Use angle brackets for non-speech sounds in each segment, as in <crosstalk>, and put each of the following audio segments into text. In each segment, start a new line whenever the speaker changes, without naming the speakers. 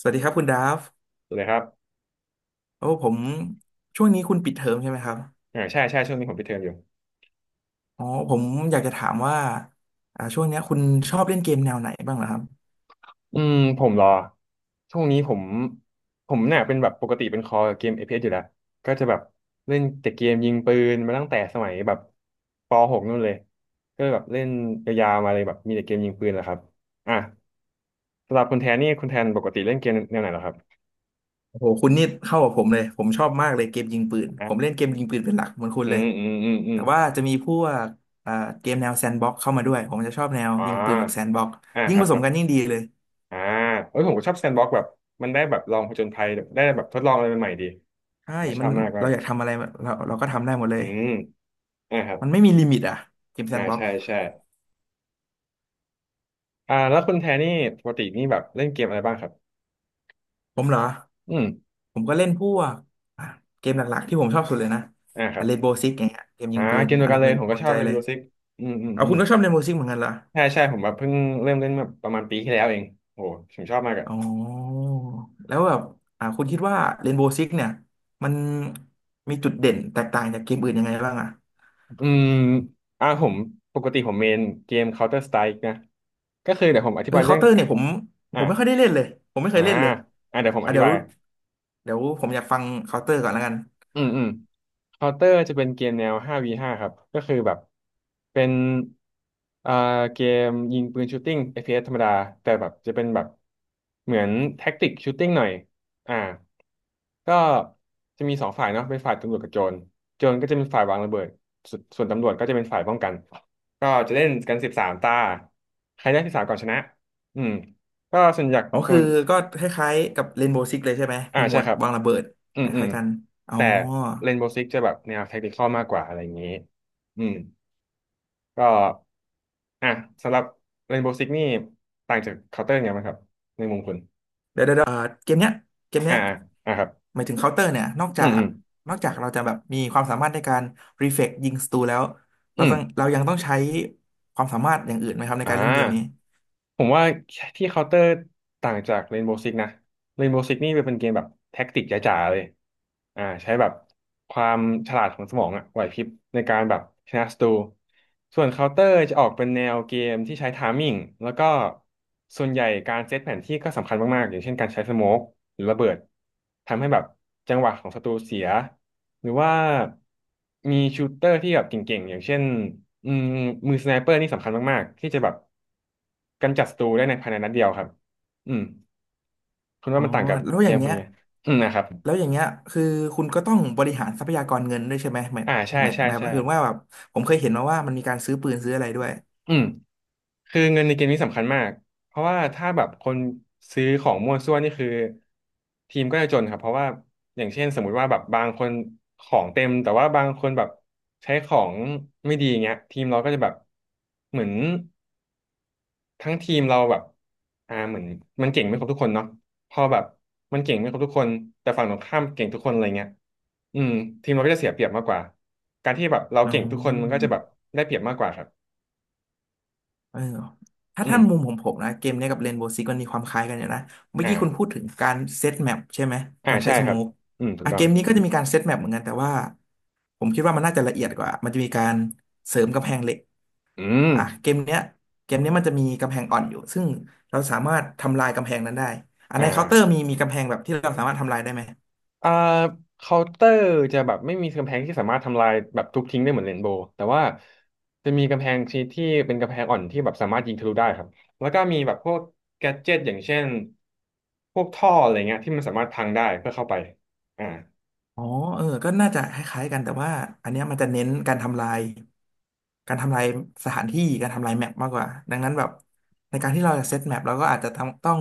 สวัสดีครับคุณดาฟ
สวัสดีครับ
โอ้ผมช่วงนี้คุณปิดเทอมใช่ไหมครับ
ใช่ใช่ช่วงนี้ผมปิดเทอมอยู่
อ๋อผมอยากจะถามว่าช่วงเนี้ยคุณชอบเล่นเกมแนวไหนบ้างเหรอครับ
ผมรอช่วงนี้ผมเนี่ยเป็นแบบปกติเป็นคอเกมเอพ p s อสอยู่แล้วก็จะแบบเล่นแต่เกมยิงปืนมาตั้งแต่สมัยแบบป .6 นู่นเลยก็แบบเล่นยาวๆมาเลยแบบมีแต่เกมยิงปืนแหละครับอ่ะสำหรับคุณแทนนี่คุณแทนปกติเล่นเกมแนวไหนเหรอครับ
โอ้โหคุณนี่เข้ากับผมเลยผมชอบมากเลยเกมยิงปืน
อ่
ผมเล่
ะ
นเกมยิงปืนเป็นหลักเหมือนคุณ
อื
เลย
มอืมอืมอืม
แต่ว่าจะมีพวกอ่าเกมแนวแซนด์บ็อกเข้ามาด้วยผมจะชอบแนว
อ่
ยิงปืนกับแซน
า
ด์บ็อก
อ่า
ยิ่
ค
ง
รั
ผ
บ
ส
ครั
ม
บ
กันยิ่งดีเลย
อ่าเอ้ยผมก็ชอบแซนด์บ็อกซ์แบบมันได้แบบลองผจญภัยได้แบบทดลองอะไรใหม่ๆดี
ใช่
ผมก็ช
มั
อ
น
บมากเลย
เราอยากทำอะไรเราก็ทำได้หมดเล
อื
ย
ม อ่าครับ
มันไม่มีลิมิตอ่ะเกมแซนด์บ็อก
ใช่ใช่แล้วคุณแทนนี่ปกตินี่แบบเล่นเกมอะไรบ้างครับ
ผมเหรอ
อืม
ผมก็เล่นพวกอ่ะเกมหลักๆที่ผมชอบสุดเลยนะ
อ่าค
อ่ะ
รับ
เรนโบว์ซิกอย่างเงี้ยเกมยิงปืน
เกมเดีย
อั
ว
น
กั
ดั
น
บ
เล
ห
ย
นึ่ง
ผ
ใน
ม
ด
ก็
วง
ชอ
ใจ
บเล่น
เลย
Rainbow Six อืมอืม
เอา
อื
คุ
ม
ณก็ชอบเรนโบว์ซิกเหมือนกันเหรอ
ใช่ใช่ผมแบบเพิ่งเริ่มเล่นมาประมาณปีที่แล้วเองโหผมชอบมากอะ
อ๋อแล้วแบบคุณคิดว่าเรนโบวซิกเนี่ยมันมีจุดเด่นแตกต่างจากเกมอื่นยังไงบ้างอ่ะ
อืมอ่าผมผมเมนเกม Counter Strike นะ ก็คือเดี๋ยวผมอธิ
เออ
บายเรื่
เคา
อ
น์
ง
เตอร์เนี่ยผมผ
อ่า
มไม่ค่อยได้เล่นเลยผมไม่เค
อ่า
ยเล่นเลย
เดี๋ยวผมอธิ
เดี๋ยว
บาย
เดี๋ยวผมอยากฟังเคาน์เตอร์ก่อนแล้วกัน
อืมอืมเคาน์เตอร์จะเป็นเกมแนว 5v5 ครับก็คือแบบเป็นอ่าเกมยิงปืนชูตติ้ง f อ s ธรรมดาแต่แบบจะเป็นแบบเหมือนแท็กติกชูตติ้งหน่อยอ่าก็จะมีสองฝ่ายเนาะเป็นฝ่ายตำรวจกับโจรโจรก็จะเป็นฝ่ายวางระเบิดสวนส่วนตำรวจก็จะเป็นฝ่ายป้องกันก็จะเล่นกัน13 ตาใครได้สิบสามก่อนชนะอืมก็ส่วนใหญ่
อ๋อ
ส่
คื
ว
อ
น
ก็คล้ายๆกับเรนโบ o ์ซิกเลยใช่ไหมมีหม
ใช่
วด
ครับ
วางระเบิด
อื
ค
มอืม
ล้ายๆกันอ๋อ
แต่เรนโบว์ซิกจะแบบแนวแทคติคอลมากกว่าอะไรอย่างนี้อืมก็อ่ะสำหรับเรนโบว์ซิกนี่ต่างจากเคาน์เตอร์ไงบ้างครับในมุมคุณ
เดี๋ยวเดี๋ยวเดี๋ยวเกมเนี้ยเกม
อ่า
เนี้ย
อ่าครับ
หมายถึงเคาน์เตอร์เนี่ยนอก
อื
จา
มอื
ก
ม
เราจะแบบมีความสามารถในการรีเฟกยิงศัตรูแล้ว
อื
เรา
ม
ต้องเรายังต้องใช้ความสามารถอย่างอื่นไหมครับใน
อ่
การเล่นเกมนี้
าผมว่าที่เคาน์เตอร์ต่างจากเรนโบว์ซิกนะเรนโบว์ซิกนี่เป็นเกมแบบแท็กติกจ๋าๆเลยใช้แบบความฉลาดของสมองอะไหวพริบในการแบบชนะศัตรูส่วนเคาน์เตอร์จะออกเป็นแนวเกมที่ใช้ไทมิ่งแล้วก็ส่วนใหญ่การเซตแผนที่ก็สำคัญมากๆอย่างเช่นการใช้สโมกหรือระเบิดทำให้แบบจังหวะของศัตรูเสีย หรือว่ามีชูตเตอร์ที่แบบเก่งๆอย่างเช่นอืมมือสไนเปอร์นี่สำคัญมากๆที่จะแบบกำจัดศัตรูได้ในภายในนัดเดียวครับอืมคุณ
อ๋
ว่า
อ
มันต่างกับ
แล้ว
เก
อย่า
ม
ง
คุ
เงี้
ณ
ย
ยังไงอืมนะครับ
แล้วอย่างเงี้ยคือคุณก็ต้องบริหารทรัพยากรเงินด้วยใช่ไหมหมาย
อ่าใช่
หมาย
ใช่
หมา
ใช่
ยความว่าแบบผมเคยเห็นมาว่ามันมีการซื้อปืนซื้ออะไรด้วย
อืมคือเงินในเกมนี้สำคัญมากเพราะว่าถ้าแบบคนซื้อของมั่วซั่วนี่คือทีมก็จะจนครับเพราะว่าอย่างเช่นสมมุติว่าแบบบางคนของเต็มแต่ว่าบางคนแบบใช้ของไม่ดีอย่างเงี้ยทีมเราก็จะแบบเหมือน ทั้งทีมเราแบบเหมือนมันเก่งไม่ครบทุกคนเนาะพอแบบมันเก่งไม่ครบทุกคนแต่ฝั่งตรงข้ามเก่งทุกคนอะไรเงี้ยอืมทีมเราก็จะเสียเปรียบมากกว่าการที่แบบเรา
อ๋
เก่งทุกคนมันก็
อ
จะแบบได้เปรียบมากกว่าครับ
เออถ้า
อืม
ท่านมุมของผมนะเกมเนี้ยกับเรนโบว์ซิกมันมีความคล้ายกันอยู่นะเมื่อ
อ่า
กี้คุณพูดถึงการเซตแมปใช่ไหม
อ่า
การใช้
ใช่
ส
ค
โม
รับ
ก
อืมถูก
อ่ะ
ต้อ
เก
ง
มนี้ก็จะมีการเซตแมปเหมือนกันแต่ว่าผมคิดว่ามันน่าจะละเอียดกว่ามันจะมีการเสริมกำแพงเหล็ก
อืม
อ่ะเกมเนี้ยมันจะมีกำแพงอ่อนอยู่ซึ่งเราสามารถทำลายกำแพงนั้นได้อันใน
อ่า
เคาน์เตอร์มีกำแพงแบบที่เราสามารถทำลายได้ไหม
อ่าเคาน์เตอร์จะแบบไม่มีกำแพงที่สามารถทำลายแบบทุบทิ้งได้เหมือนเรนโบว์แต่ว่าจะมีกำแพงชนิดที่เป็นกำแพงอ่อนที่แบบสามารถยิงทะลุได้ครับแล้วก็มีแบบพวกแกดเจ็ตอย่างเช่นพวกท่ออะไรเงี้ยที่มันสามารถพังได้เพื่อเข้าไปอ่า
อ๋อเออก็น่าจะคล้ายๆกันแต่ว่าอันเนี้ยมันจะเน้นการทำลายสถานที่การทำลายแมปมากกว่าดังนั้นแบบในการที่เราจะเซตแมปเราก็อาจจะต้อง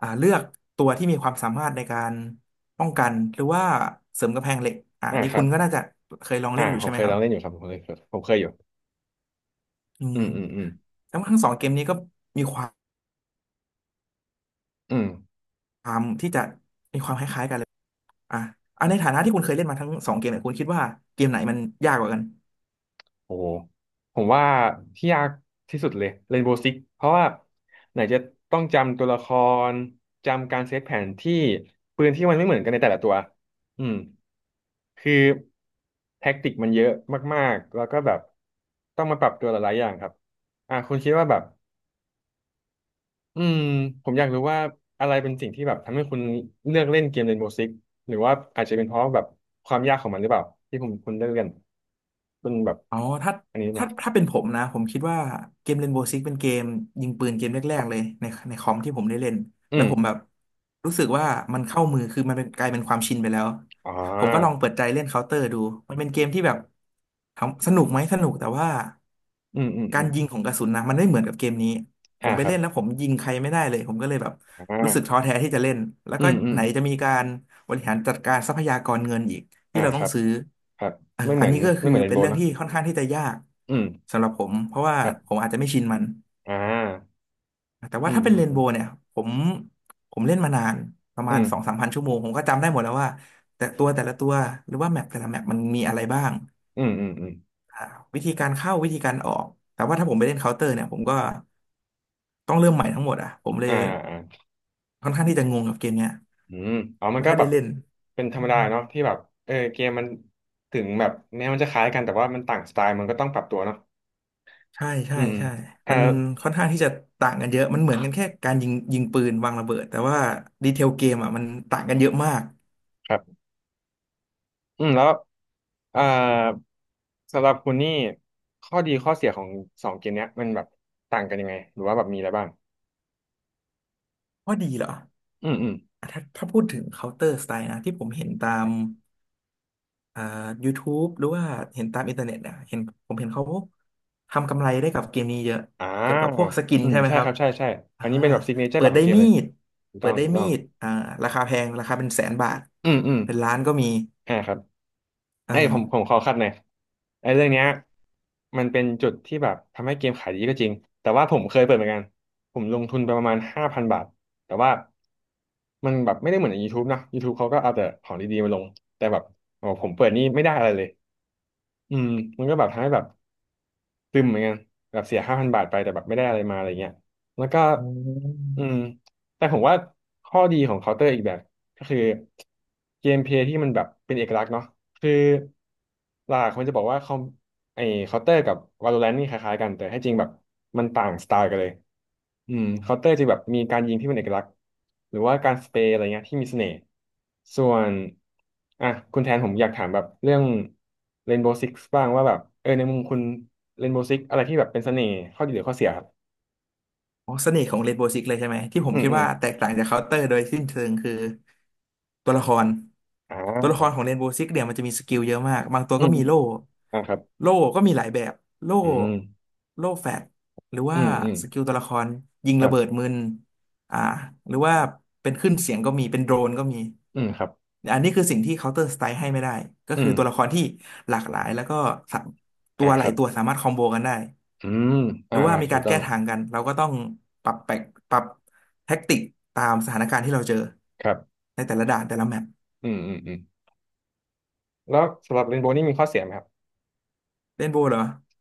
เลือกตัวที่มีความสามารถในการป้องกันหรือว่าเสริมกำแพงเหล็ก
อ่า
อันนี้
ครั
คุณ
บ
ก็น่าจะเคยลองเล่นอยู่
ผ
ใช่
ม
ไหม
เคย
ค
ล
รั
อ
บ
งเล่นอยู่ครับผมเคยผมเคยอยู่
อื
อื
ม
มอืมอืม
แล้วทั้งสองเกมนี้ก็มีควา
อืม
มที่จะมีความคล้ายๆกันอ่ะอ่ะในฐานะที่คุณเคยเล่นมาทั้งสองเกมเนี่ยคุณคิดว่าเกมไหนมันยากกว่ากัน
โอ้โหผมว่าที่ยากที่สุดเลยเรนโบว์ซิกเพราะว่าไหนจะต้องจำตัวละครจำการเซตแผนที่ปืนที่มันไม่เหมือนกันในแต่ละตัวอืมคือแท็กติกมันเยอะมากๆแล้วก็แบบต้องมาปรับตัวหลายๆอย่างครับคุณคิดว่าแบบอืมผมอยากรู้ว่าอะไรเป็นสิ่งที่แบบทำให้คุณเลือกเล่นเกมเรนโบ o ์ซิกหรือว่าอาจจะเป็นเพราะแบบความยากของมันหรือเปล่าที่ผมคุณเลือกเล่นเป็นแบบ
อ๋อถ้า
อันนี้ไหม
ถ้าเป็นผมนะผมคิดว่าเกม Rainbow Six เป็นเกมยิงปืนเกมแรกๆเลยในคอมที่ผมได้เล่น
อื
แล้ว
ม
ผมแบบรู้สึกว่ามันเข้ามือคือมันเป็นกลายเป็นความชินไปแล้ว
อ่
ผมก็ลอง
า
เปิดใจเล่นเคาน์เตอร์ดูมันเป็นเกมที่แบบถามสนุกไหมสนุกแต่ว่า
อืมอืม
กา
อื
ร
ม
ยิงของกระสุนนะมันไม่เหมือนกับเกมนี้ผ
อ่า
มไป
ครับ
เล่นแล้วผมยิงใครไม่ได้เลยผมก็เลยแบบ
อ
รู้สึกท้อ
่า
แท้ที่จะเล่นแล้ว
อื
ก็
มอืม
ไหนจะมีการบริหารจัดการทรัพยากรเงินอีก ที่
อ่า
เรา
ค
ต้อ
รั
ง
บ
ซื้อ
ครับ
อัน
ไม่เห
อั
มื
น
อน
นี้ก็
ไม่
คือ
เหมือนเรน
เป็น
โบ
เรื่
ว์
อง
เนาะ
ที่ค่อนข้างที่จะยาก
อืม
สำหรับผมเพราะว่า
ครั
ผม
บ
อาจจะไม่ชินมัน
อ่า
แต่
อื
ว่า
ม
ถ้าเป็
อื
น
ม
เรน
อื
โบว์เนี่ยผมผมเล่นมานานประมาณสอง
ม
สามพันชั่วโมงผมก็จำได้หมดแล้วว่าแต่ละตัวหรือว่าแมปแต่ละแมปมันมีอะไรบ้าง
อืมอืมอืมอืม
อ่าวิธีการเข้าวิธีการออกแต่ว่าถ้าผมไปเล่นเคาน์เตอร์เนี่ยผมก็ต้องเริ่มใหม่ทั้งหมดอ่ะผมเลย
อ่าอ่า
ค่อนข้างที่จะงงกับเกมเนี้ย
อืมอ๋อมัน
ไม่
ก็
ค่อย
แบ
ได้
บ
เล่น
เป็นธร
อื
รมดา
ม
เนาะที่แบบเออเกมมันถึงแบบแม้มันจะคล้ายกันแต่ว่ามันต่างสไตล์มันก็ต้องปรับตัวเนาะ
ใช่
อื
ใช่
มอืม
ใช่
อ่า
มันค่อนข้างที่จะต่างกันเยอะ มันเหมือนกันแค่การยิงปืนวางระเบิด แต่ว่าดีเทลเกมอ่ะมันต่างกันเยอะมาก
ครับอืมแล้วอ่าสำหรับคุณนี่ข้อดีข้อเสียของสองเกมเนี้ยมันแบบต่างกันยังไงหรือว่าแบบมีอะไรบ้าง
ว่าดีเหรอ
อืมอืม
อ่ะถ้าพูดถึง Counter Strike นะที่ผมเห็นตามเอ่อ YouTube หรือว่าเห็นตามอินเทอร์เน็ตเนี่ยเห็นผมเห็นเขาทำกำไรได้กับเกมนี้เยอะ
อ่า
เกี่ยวกับพวกสกิน
อืม
ใช่ไหม
ใช่
ค
ค
รับ
รับใช่ใช่อั
อ่า
นนี้เป็นแบบซิกเนเจอร์
เปิ
หลั
ด
กขอ
ได้
งเกม
มี
เลย
ด
ถูก
เปิ
ต้อ
ด
ง
ได้
ถูก
มี
ต้อง
ดอ่าราคาแพงราคาเป็นแสนบาท
อืมอืม
เป็นล้านก็มี
อ่าครับ
เอ
ไอ้ยผม
อ
ขอคัดหน่อยไอ้เรื่องเนี้ยมันเป็นจุดที่แบบทำให้เกมขายดีก็จริง แต่ว่าผมเคยเปิดเหมือนกัน ผมลงทุนไปประมาณ5,000 บาท แต่ว่า มันแบบไม่ได้เหมือนใน YouTube นะ YouTube เขาก็เอาแต่ของดีๆมาลง แต่แบบโอ้ผมเปิดนี่ไม่ได้อะไรเลยอืมมันก็แบบทำให้แบบ ตึมเหมือนกันแบบเสียห้าพันบาทไปแต่แบบไม่ได้อะไรมาอะไรเงี้ยแล้วก็อืมแต่ผมว่าข้อดีของเคาน์เตอร์อีกแบบก็คือเกมเพลย์ที่มันแบบเป็นเอกลักษณ์เนาะคือหลักคนจะบอกว่าคอม ไอ้เคาน์เตอร์กับ Valorant นี่คล้ายๆกันแต่ให้จริงแบบมันต่างสไตล์กันเลยอืมเคาน์เตอร์จะแบบมีการยิงที่เป็นเอกลักษณ์หรือว่าการสเปรย์อะไรเงี้ยที่มีเสน่ห์ส่วนอ่ะคุณแทนผมอยากถามแบบเรื่อง Rainbow Six บ้างว่าแบบเออในมุมคุณ Rainbow Six อะไรที่แบบเป็นเสน่ห์ข้อดีหรือข้อเสียครับ
อ๋อเสน่ห์ของเรนโบว์ซิกเลยใช่ไหมที่ผม
อืม
คิด
อืม
ว่าแตกต่างจากเคาน์เตอร์โดยสิ้นเชิงคือตัวละคร
อ่า
ของเรนโบว์ซิกเนี่ยมันจะมีสกิลเยอะมากบางตัว
อื
ก็
มอ
มี
ม
โล่
อ่าครับ
โล่ก็มีหลายแบบโล่
อืม
แฟตหรือ
อื
ว่า
มอืม
สกิลตัวละครยิง
ครั
ระเบิด
บ
มึนอ่าหรือว่าเป็นขึ้นเสียงก็มีเป็นโดรนก็มี
อืมครับ
อันนี้คือสิ่งที่เคาน์เตอร์สไตล์ให้ไม่ได้ก็
อื
คือ
ม
ตัวละครที่หลากหลายแล้วก็สาตั
อ่า
วห
ค
ลา
รั
ย
บ
ตัวสามารถคอมโบกันได้
อืม
ห
อ่า
รือว่า
อ่า
มี
ถู
กา
ก
ร
ต้อ
แก้
ง
ทางกันเราก็ต้องปรับแปลกปรับแท็กติกตามสถานการณ์ที่เราเจอ
ครับ
ในแต่ละด่านแต่ละแมป
อืมอืมอืม แล้วสำหรับเรนโบว์นี่มีข้อเสียไหมครับ
เล่นโบว์เหรอ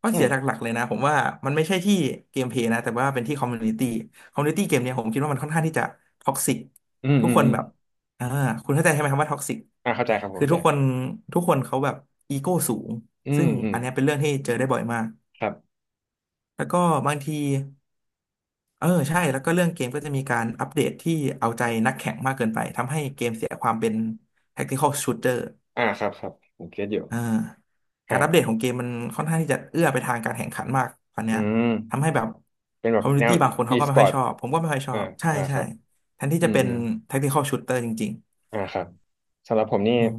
ข้อ
อื
เสี
ม
ยหลักๆเลยนะผมว่ามันไม่ใช่ที่เกมเพลย์นะแต่ว่าเป็นที่คอมมูนิตี้คอมมูนิตี้เกมเนี่ยผมคิดว่ามันค่อนข้างที่จะท็อกซิก
อืม
ทุ
อื
ก
ม
คน
อืม
แบบอ่าคุณเข้าใจใช่ไหมครับว่าท็อกซิก
อ่าเข้าใจครับผม
คือ
เข้าใจ
ทุกคนทุกคนเขาแบบอีโก้สูง
อื
ซึ่
ม
ง
อืม
อันเนี้ยเป็นเรื่องที่เจอได้บ่อยมาก
ครับ
แล้วก็บางที เออใช่แล้วก็เรื่องเกมก็จะมีการอัปเดตที่เอาใจนักแข่งมากเกินไปทำให้เกมเสียความเป็น tactical shooter
อ่าครับครับผมเก็ตอยู่
อ่าการ
อ่า
อัปเดตของเกมมันค่อนข้างที่จะเอื้อไปทางการแข่งขันมากตอนเนี้
อื
ย
ม
ทำให้แบบ
เป็นแบ
คอ
บ
มมูนิ
แนว
ตี้บาง คนเขาก็ไม่ค่อย
e-sport
ชอบผมก็ไม่ค่อยชอ
อ่า
บใช่
อ่าค
ใช่
รับ
แทนที่
อื
จะ
ม
เป็น
อืม
tactical shooter จริง
อ่าครับสำหรับผมนี่
ๆอืม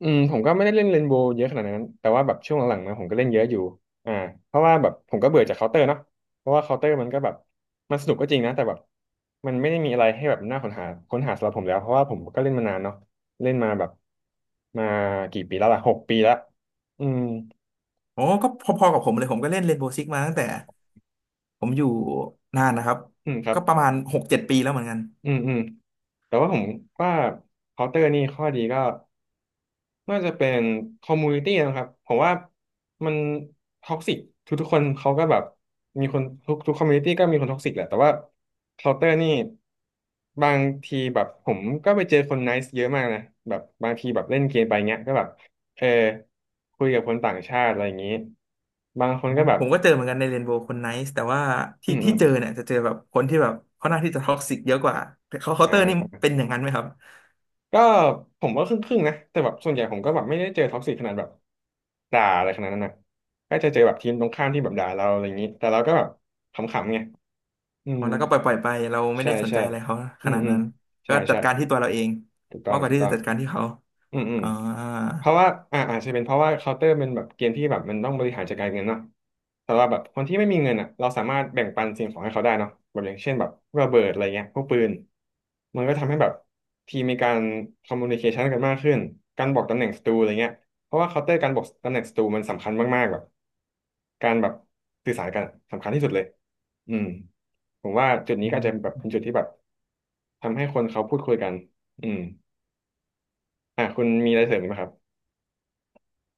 อืมผมก็ไม่ได้เล่นเรนโบว์เยอะขนาดนั้นแต่ว่าแบบช่วงหลังๆนะผมก็เล่นเยอะอยู่อ่าเพราะว่าแบบผมก็เบื่อจากเคาน์เตอร์เนาะเพราะว่าเคาน์เตอร์มันก็แบบมันสนุกก็จริงนะแต่แบบมันไม่ได้มีอะไรให้แบบน่าค้นหาสำหรับผมแล้วเพราะว่าผมก็เล่นมานานเนาะเล่นมาแบบมากี่ปีแล้วล่ะ6 ปีแล้วอืม
โอ้ก็พอๆกับผมเลยผมก็เล่น Rainbow Six มาตั้งแต่ผมอยู่นานนะครับ
อืมครับ
ก็ประมาณ6-7 ปีแล้วเหมือนกัน
อืมอืมแต่ว่าผมว่าเคาน์เตอร์นี่ข้อดีก็ น่าจะเป็นคอมมูนิตี้นะครับผมว่ามันท็อกซิกทุกๆคนเขาก็แบบมีคนทุกคอมมูนิตี้ก็มีคนท็อกซิกแหละแต่ว่าเคาน์เตอร์นี่บางทีแบบผมก็ไปเจอคนไนซ์เยอะมากนะแบบบางทีแบบเล่นเกมไปเงี้ยก็แบบเออคุยกับคนต่างชาติอะไรอย่างนี้บางคนก็แบบ
ผมก็เจอเหมือนกันในเรนโบว์คนไนซ์แต่ว่า
อื
ที่
มอื
ที่
ม
เจอเนี่ยจะเจอแบบคนที่แบบเข่หน้าที่จะท็อกซิกเยอะกว่าเขาเคาน์
อ่
เตอร์นี่
า
เป็นอย่างนั้นไหมครับ
ก็ผมว่าครึ่งๆนะแต่แบบส่วนใหญ่ผมก็แบบไม่ได้เจอท็อกซิกขนาดแบบด่าอะไรขนาดนั้นนะก็จะเจอแบบทีมตรงข้ามที่แบบด่าเราอะไรอย่างนี้แต่เราก็แบบขำๆไงอื
อ๋อ
ม
แล้วก็ปล่อยไปเราไม่
ใช่
ได้สน
ใช่
ใจอะไรเขา
อื
ข
ม
นาด
อืม
นั้น
ใช่
ก็จั
ใช่
ดการที่ตัวเราเอง
ถูกต้อ
มา
ง
กกว่า
ถูก
ที่
ต้อ
จะ
ง
จัดการที่เขา
อืมอืม
อ่า
เพราะว่าอ่าอาจจะเป็นเพราะว่าเคาน์เตอร์เป็นแบบเกมที่แบบมันต้องบริหารจัดการเงินเนาะแต่ว่าแบบคนที่ไม่มีเงินอ่ะเราสามารถแบ่งปันสิ่งของให้เขาได้เนาะแบบอย่างเช่นแบบพวกระเบิดอะไรเงี้ยพวกปืนมันก็ทำให้แบบทีมมีการคอมมูนิเคชันกันมากขึ้นการบอกตำแหน่งศัตรูอะไรเงี้ยเพราะว่าเคาน์เตอร์การบอกตำแหน่งศัตรูมันสำคัญมากๆแบบการแบบสื่อสารกันสำคัญที่สุดเลยอืมผมว่าจุดนี้
อื
ก็อาจจะแบ
ม
บเป็นจุดที่แบบทำให้คนเขาพูดคุยกันอืมอ่ะคุณมีอะไรเสริมอีกไหมครับ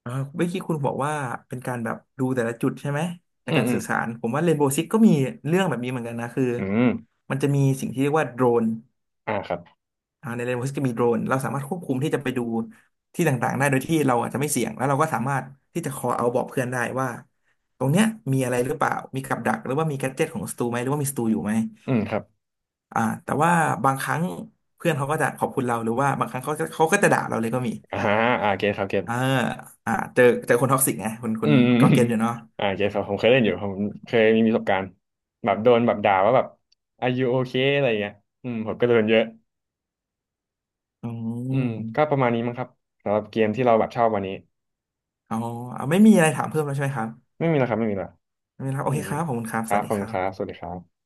อ่าเมื่อกี้คุณบอกว่าเป็นการแบบดูแต่ละจุดใช่ไหมใน
อืม
การ
อื
สื่
ม
อสารผมว่าเรนโบว์ซิกก็มีเรื่องแบบนี้เหมือนกันนะคือ
อืม
มันจะมีสิ่งที่เรียกว่าโดรน
อ่าครับ
อ่าในเรนโว์ซกก็มีโดรนเราสามารถควบคุมที่จะไปดูที่ต่างๆได้โดยที่เราอาจจะไม่เสี่ยงแล้วเราก็สามารถที่จะคอเอาบอกเพื่อนได้ว่าตรงเนี้ยมีอะไรหรือเปล่ามีกับดักหรือว่ามีแกดเจ็ตของสตูไหมหรือว่ามีสตูอยู่ไหม
อืมครับ
อ่าแต่ว่าบางครั้งเพื่อนเขาก็จะขอบคุณเราหรือว่าบางครั้งเขาก็จะด่าเราเลยก็มี
อ่าฮะอ่าเก็ตครับเกต
เอออ่าเจอคนท็อกซิกไง
อื
คุณ
ม <laughs> อืม
ก็
อื
เก็
ม
ตอยู่เนาะ
อ่าเกตครับผมเคยเล่นอยู่ผมเคยมีประสบการณ์แบบโดนแบบด่าว่าแบบ are you okay อะไรเงี้ยอืมผมก็โดนเยอะ
อื
อืมก็
ม
ประมาณนี้มั้งครับสำหรับเกมที่เราแบบชอบวันนี้
อ๋อไม่มีอะไรถามเพิ่มแล้วใช่ไหมครับ
ไม่มีแล้วครับไม่มีแล้ว
ไม่มีแล้ว
อื
โอ
ม
เค
อื
ค
ม
รับขอบคุณครับ
ค
ส
รั
วั
บ
ส
ข
ดี
อบ
ค
คุณ
รั
ครับส
บ
วัสดีครับ